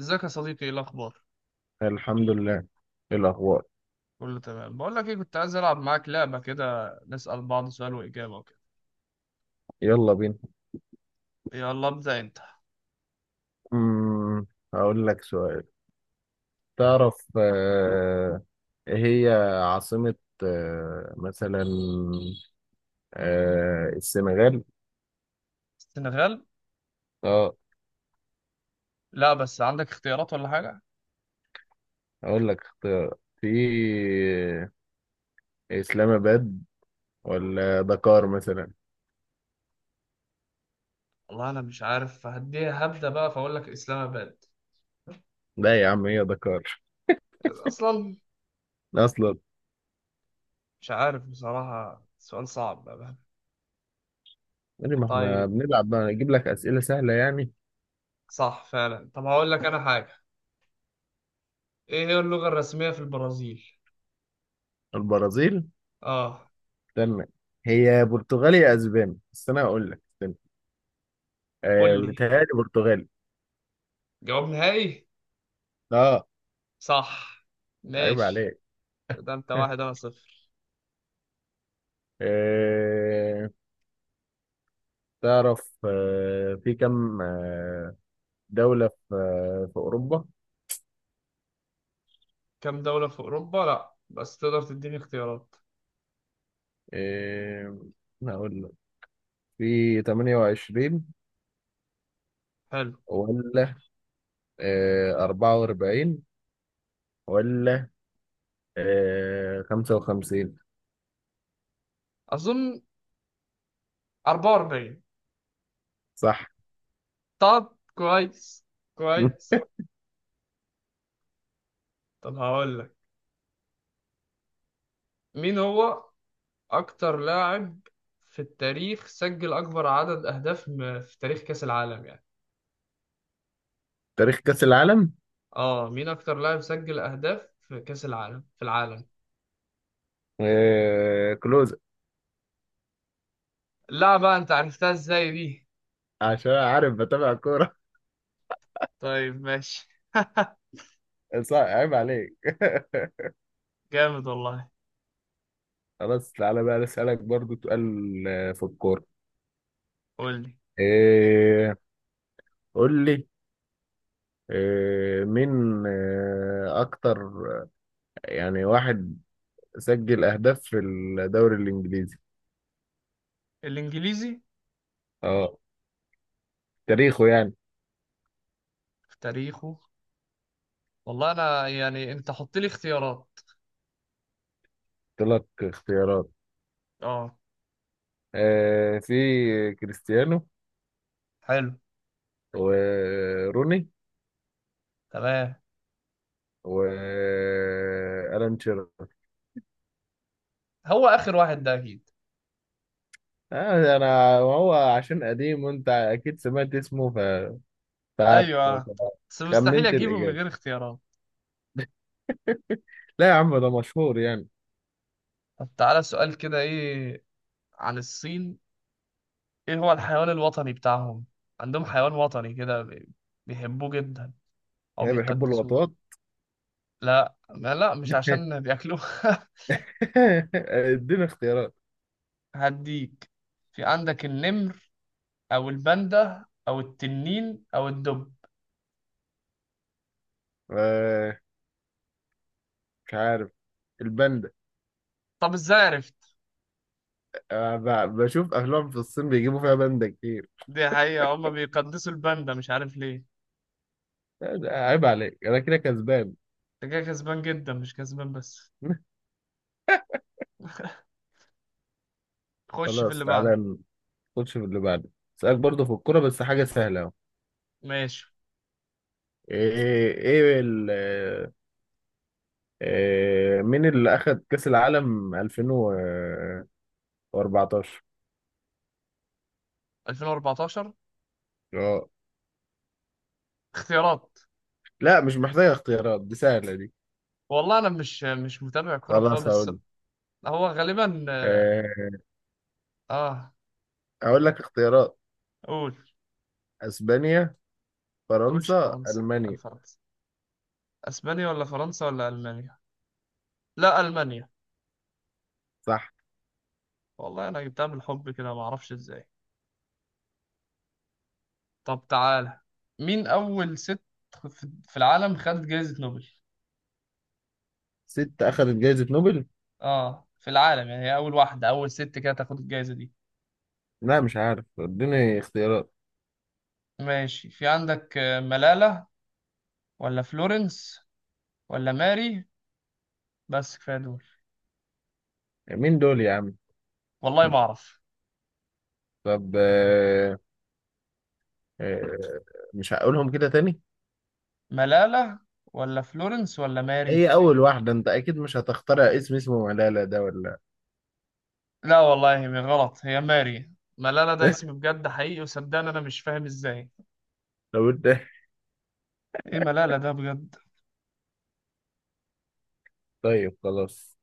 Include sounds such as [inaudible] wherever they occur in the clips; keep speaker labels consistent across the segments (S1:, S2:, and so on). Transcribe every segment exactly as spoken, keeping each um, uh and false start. S1: ازيك يا صديقي؟ ايه الاخبار؟
S2: الحمد لله. إيه الأخبار؟
S1: كله تمام. بقول لك ايه، كنت عايز العب معاك لعبه كده، نسال بعض سؤال واجابه وكده.
S2: يلا بينا.
S1: يلا ابدا انت.
S2: امم هقول لك سؤال. تعرف آه، إيه هي عاصمة، آه، مثلا آه، السنغال؟
S1: السنغال؟
S2: اه،
S1: لا بس عندك اختيارات ولا حاجه؟
S2: هقول لك اختيار، في إسلام آباد ولا دكار مثلا.
S1: والله انا مش عارف، هديها هبدا بقى، فاقول لك اسلام اباد.
S2: لا يا عم، هي دكار
S1: اصلا
S2: أصلا.
S1: مش عارف بصراحه، سؤال صعب بقى.
S2: إيه، ما احنا
S1: طيب،
S2: بنلعب بقى، نجيب لك أسئلة سهلة يعني.
S1: صح فعلا. طب هقول لك انا حاجه، ايه هي اللغه الرسميه في البرازيل؟
S2: البرازيل؟
S1: اه،
S2: استنى، هي برتغالي يا أسباني، بس أنا هقول لك، استنى. آه،
S1: قول لي
S2: بيتهيألي برتغالي.
S1: جواب نهائي.
S2: اه.
S1: صح.
S2: عيب
S1: ماشي،
S2: عليك.
S1: ده انت واحد انا
S2: [laughs]
S1: صفر.
S2: إيه؟ تعرف آه، في كم آه، دولة في آه، في أوروبا؟
S1: كام دولة في أوروبا؟ لأ بس تقدر تديني اختيارات؟
S2: إيه، هقول لك، في تمنية وعشرين
S1: حلو.
S2: ولا آه، أربعة وأربعين ولا آه، خمسة وخمسين؟
S1: أظن أربعة وأربعين.
S2: صح.
S1: طب كويس،
S2: [laughs]
S1: كويس. طب هقول لك، مين هو أكتر لاعب في التاريخ سجل أكبر عدد أهداف م- في تاريخ كأس العالم يعني؟
S2: تاريخ كأس العالم؟
S1: آه، مين أكتر لاعب سجل أهداف في كأس العالم في العالم؟
S2: إيه، كلوز.
S1: لا بقى، أنت عرفتها إزاي دي؟
S2: عشان عارف، بتابع كورة.
S1: طيب ماشي. [laughs]
S2: [laughs] صح، عيب عليك. [laughs]
S1: جامد والله.
S2: خلاص، تعالى بقى أسألك برضو سؤال آه، في الكورة.
S1: قول لي.
S2: إيه، قول لي، آه، مين آه، أكتر يعني واحد سجل أهداف في الدوري الإنجليزي؟
S1: الإنجليزي؟
S2: اه، تاريخه يعني.
S1: في تاريخه؟ والله أنا يعني أنت حط لي اختيارات.
S2: قلت لك اختيارات.
S1: اه.
S2: آه، في كريستيانو،
S1: حلو.
S2: وروني،
S1: تمام.
S2: وألان شيرر.
S1: هو آخر واحد ده أكيد.
S2: آه، أنا هو، عشان قديم وأنت أكيد سمعت اسمه، ف- فعارف.
S1: ايوه بس مستحيل
S2: خمنت
S1: اجيبه من
S2: الإجابة؟
S1: غير اختيارات.
S2: لا يا عم، ده مشهور يعني.
S1: طب تعالى سؤال كده، إيه عن الصين؟ إيه هو الحيوان الوطني بتاعهم؟ عندهم حيوان وطني كده بي- بيحبوه جدا أو
S2: هي بيحبوا
S1: بيقدسوه.
S2: اللقطات.
S1: لا ما لا، مش عشان بياكلوه. [laughs]
S2: [laughs] اديني اختيارات.
S1: هديك. في عندك النمر أو الباندا أو التنين أو الدب.
S2: آه، مش عارف، الباندا.
S1: طب ازاي عرفت؟
S2: أنا ب- بشوف افلام في الصين بيجيبوا فيها باندا كتير.
S1: دي حقيقة، هما بيقدسوا الباندا، مش عارف ليه.
S2: عيب عليك، انا كده كسبان.
S1: انت كده كسبان جدا، مش كسبان بس.
S2: [laughs]
S1: خش في
S2: خلاص،
S1: اللي بعده.
S2: تعالى نخش في اللي بعده. اسالك برضه في الكوره، بس حاجه سهله اهو.
S1: ماشي.
S2: ايه، ايه ال إيه، مين اللي اخد كاس العالم ألفين وأربعتاشر؟
S1: ألفين واربعتاشر؟
S2: اه.
S1: اختيارات؟
S2: لا مش محتاجه اختيارات، دي سهله دي.
S1: والله انا مش مش متابع كوره
S2: خلاص
S1: خالص.
S2: هقول،
S1: هو غالبا.
S2: إيه،
S1: اه.
S2: هقول لك اختيارات:
S1: قول.
S2: اسبانيا،
S1: تقولش
S2: فرنسا،
S1: فرنسا؟
S2: المانيا.
S1: الفرنسا؟ اسبانيا ولا فرنسا ولا المانيا؟ لا، المانيا.
S2: صح.
S1: والله انا جبتها بالحب كده، ما اعرفش ازاي. طب تعالى، مين اول ست في في العالم خدت جائزة نوبل؟
S2: ست اخذت جائزه نوبل؟
S1: اه، في العالم يعني، هي اول واحدة، اول ست كده تاخد الجائزة دي.
S2: لا مش عارف، اديني اختيارات.
S1: ماشي. في عندك آه، ملالة ولا فلورنس ولا ماري، بس كفاية دول.
S2: مين دول يا عم؟
S1: والله ما اعرف.
S2: طب، آه، آه، مش هقولهم كده تاني.
S1: ملالة ولا فلورنس ولا ماري؟
S2: هي اول واحدة، انت اكيد مش هتخترع اسم اسمه ملالة ده، ولا؟
S1: لا والله هي غلط، هي ماري. ملالة ده اسم
S2: [laughs]
S1: بجد حقيقي، وصدقني انا مش فاهم ازاي.
S2: طب انت.
S1: ايه ملالة ده بجد.
S2: طيب خلاص،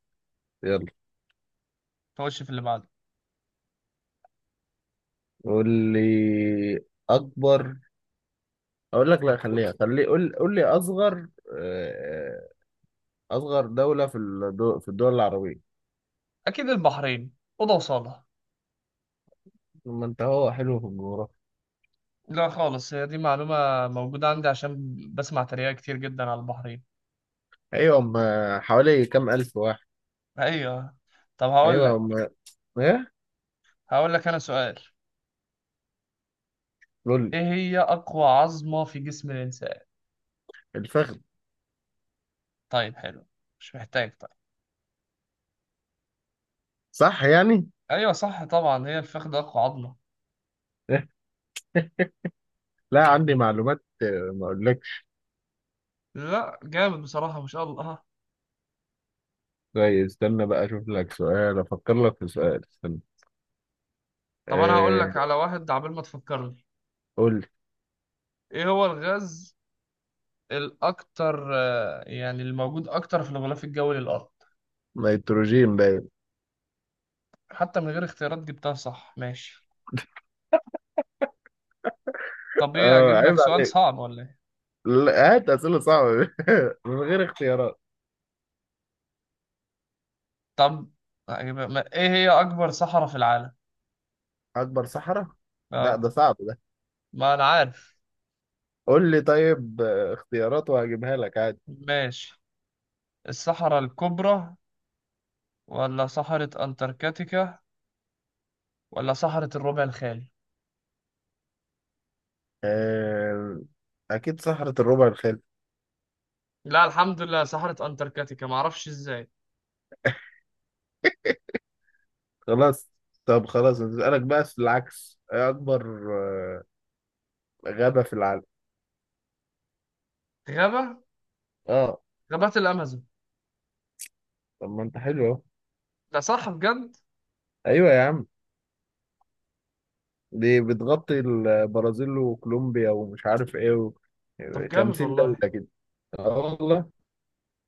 S2: يلا.
S1: خش في اللي بعده.
S2: قول لي اكبر، اقول لك لا، خليها، خلي، قول، قول لي اصغر آه، اصغر دولة في الدول، في الدول العربية.
S1: اكيد البحرين، اوضه وصاله.
S2: ما انت هو حلو في الجغرافيا.
S1: لا خالص، هي دي معلومة موجودة عندي عشان بسمع تريقة كتير جدا على البحرين.
S2: ايوه، هم حوالي كام الف واحد؟
S1: ايوه. طب هقول
S2: ايوه هم.
S1: لك.
S2: ايه؟
S1: هقول لك انا سؤال،
S2: قول لي.
S1: ايه هي اقوى عظمة في جسم الانسان؟
S2: الفخذ.
S1: طيب حلو، مش محتاج طيب.
S2: صح يعني.
S1: ايوه صح طبعا، هي الفخذ اقوى عظمة.
S2: [laughs] لا، عندي معلومات آه، ما اقولكش.
S1: لا جامد بصراحة، ما شاء الله ها.
S2: طيب استنى بقى اشوف لك سؤال، افكر لك في سؤال، استنى.
S1: طب أنا هقول
S2: أه.
S1: لك على واحد عبال ما تفكرني.
S2: قول لي.
S1: إيه هو الغاز الأكتر، آه، يعني الموجود أكتر في الغلاف الجوي للأرض؟
S2: نيتروجين، باين.
S1: حتى من غير اختيارات جبتها صح. ماشي. طب إيه،
S2: اه،
S1: أجيب
S2: عيب
S1: لك سؤال
S2: عليك.
S1: صعب ولا إيه؟
S2: لا، هات اسئله صعبه، [laughs] من غير اختيارات.
S1: طب أجيب ما، إيه هي أكبر صحراء في العالم؟
S2: اكبر صحراء؟ لا
S1: آه.
S2: ده صعب ده.
S1: ما أنا عارف.
S2: قول لي طيب آه، اختيارات وهجيبها لك عادي.
S1: ماشي، الصحراء الكبرى ولا صحراء أنتاركتيكا ولا صحراء الربع الخالي؟
S2: أه، اكيد صحراء الربع الخالي.
S1: لا، الحمد لله صحراء أنتاركتيكا، معرفش إزاي.
S2: خلاص. طب خلاص، نسألك بقى في العكس، ايه اكبر آه، غابة في العالم؟
S1: غابة.
S2: اه.
S1: غابات الأمازون.
S2: طب ما انت حلو اهو.
S1: ده صح بجد؟
S2: ايوه يا عم، دي بتغطي البرازيل وكولومبيا ومش عارف ايه و...
S1: طب جامد
S2: خمسين دولة
S1: والله.
S2: كده. اه والله.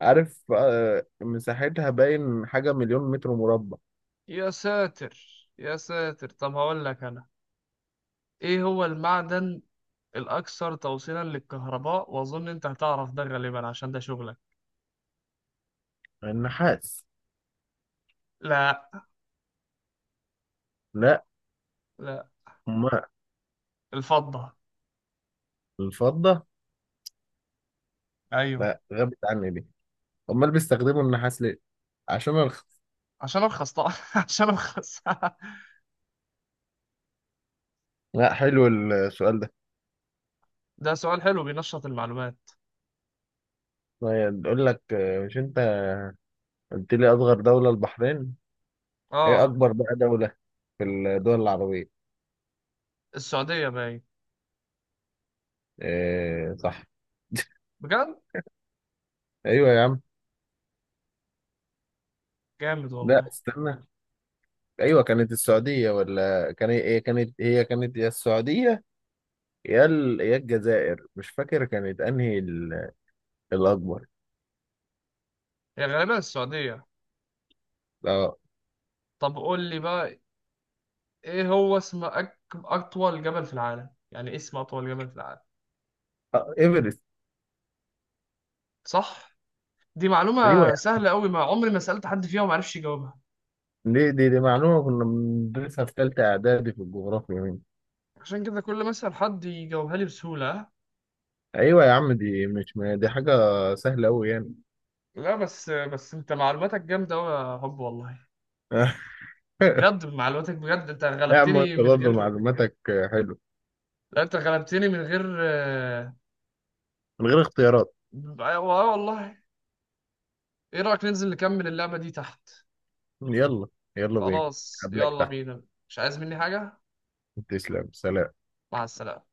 S2: عارف آه، مساحتها باين حاجة مليون متر مربع.
S1: يا ساتر، يا ساتر. طب هقول لك انا، ايه هو المعدن الاكثر توصيلا للكهرباء؟ واظن انت هتعرف ده غالبا عشان ده شغلك.
S2: النحاس.
S1: لا.
S2: لا.
S1: لا.
S2: ما
S1: الفضة.
S2: الفضة.
S1: ايوه.
S2: لا غابت عني دي. امال بيستخدموا النحاس ليه؟ عشان ارخص.
S1: عشان ارخص طبعا. [laughs] عشان ارخص.
S2: لا، حلو السؤال ده.
S1: [laughs] ده سؤال حلو، بينشط المعلومات.
S2: طيب، بيقول لك آه، مش انت قلت لي اصغر دولة البحرين؟ هي
S1: اه.
S2: اكبر بقى دولة في الدول العربية.
S1: السعودية باين.
S2: إيه، صح. [laughs]
S1: بجد؟
S2: ايوه يا عم.
S1: جامد
S2: لا
S1: والله.
S2: استنى، ايوه كانت السعوديه ولا كان، هي كانت هي كانت يا السعوديه يا ال... يا الجزائر، مش فاكر كانت انهي ال... الاكبر.
S1: هي غالبا السعودية.
S2: اه.
S1: طب قول لي بقى، ايه هو اسم أك... اطول جبل في العالم؟ يعني إيه اسم اطول جبل في العالم؟
S2: آه، ايفرست.
S1: صح. دي
S2: ايوه يا
S1: معلومة سهلة قوي، ما عمري ما سألت حد فيها وما عرفش يجاوبها.
S2: عم. دي دي, دي معلومه كنا بندرسها في ثالثه اعدادي في الجغرافيا يعني.
S1: عشان كده كل ما أسأل حد يجاوبها لي بسهولة.
S2: ايوه يا عم، دي مش، ما دي حاجه سهله قوي يعني.
S1: لا بس، بس انت معلوماتك جامدة قوي يا حب والله.
S2: [laughs]
S1: بجد معلوماتك، بجد انت
S2: يا عم
S1: غلبتني
S2: انت
S1: من
S2: برضه
S1: غير.
S2: معلوماتك حلوه.
S1: لا انت غلبتني من غير آه
S2: من غير اختيارات.
S1: آه آه، والله. ايه رأيك ننزل نكمل اللعبة دي تحت؟
S2: يلا. يلا بينا.
S1: خلاص
S2: قبلك
S1: يلا
S2: تحت.
S1: بينا. مش عايز مني حاجة؟
S2: تسلم، سلام.
S1: مع السلامة.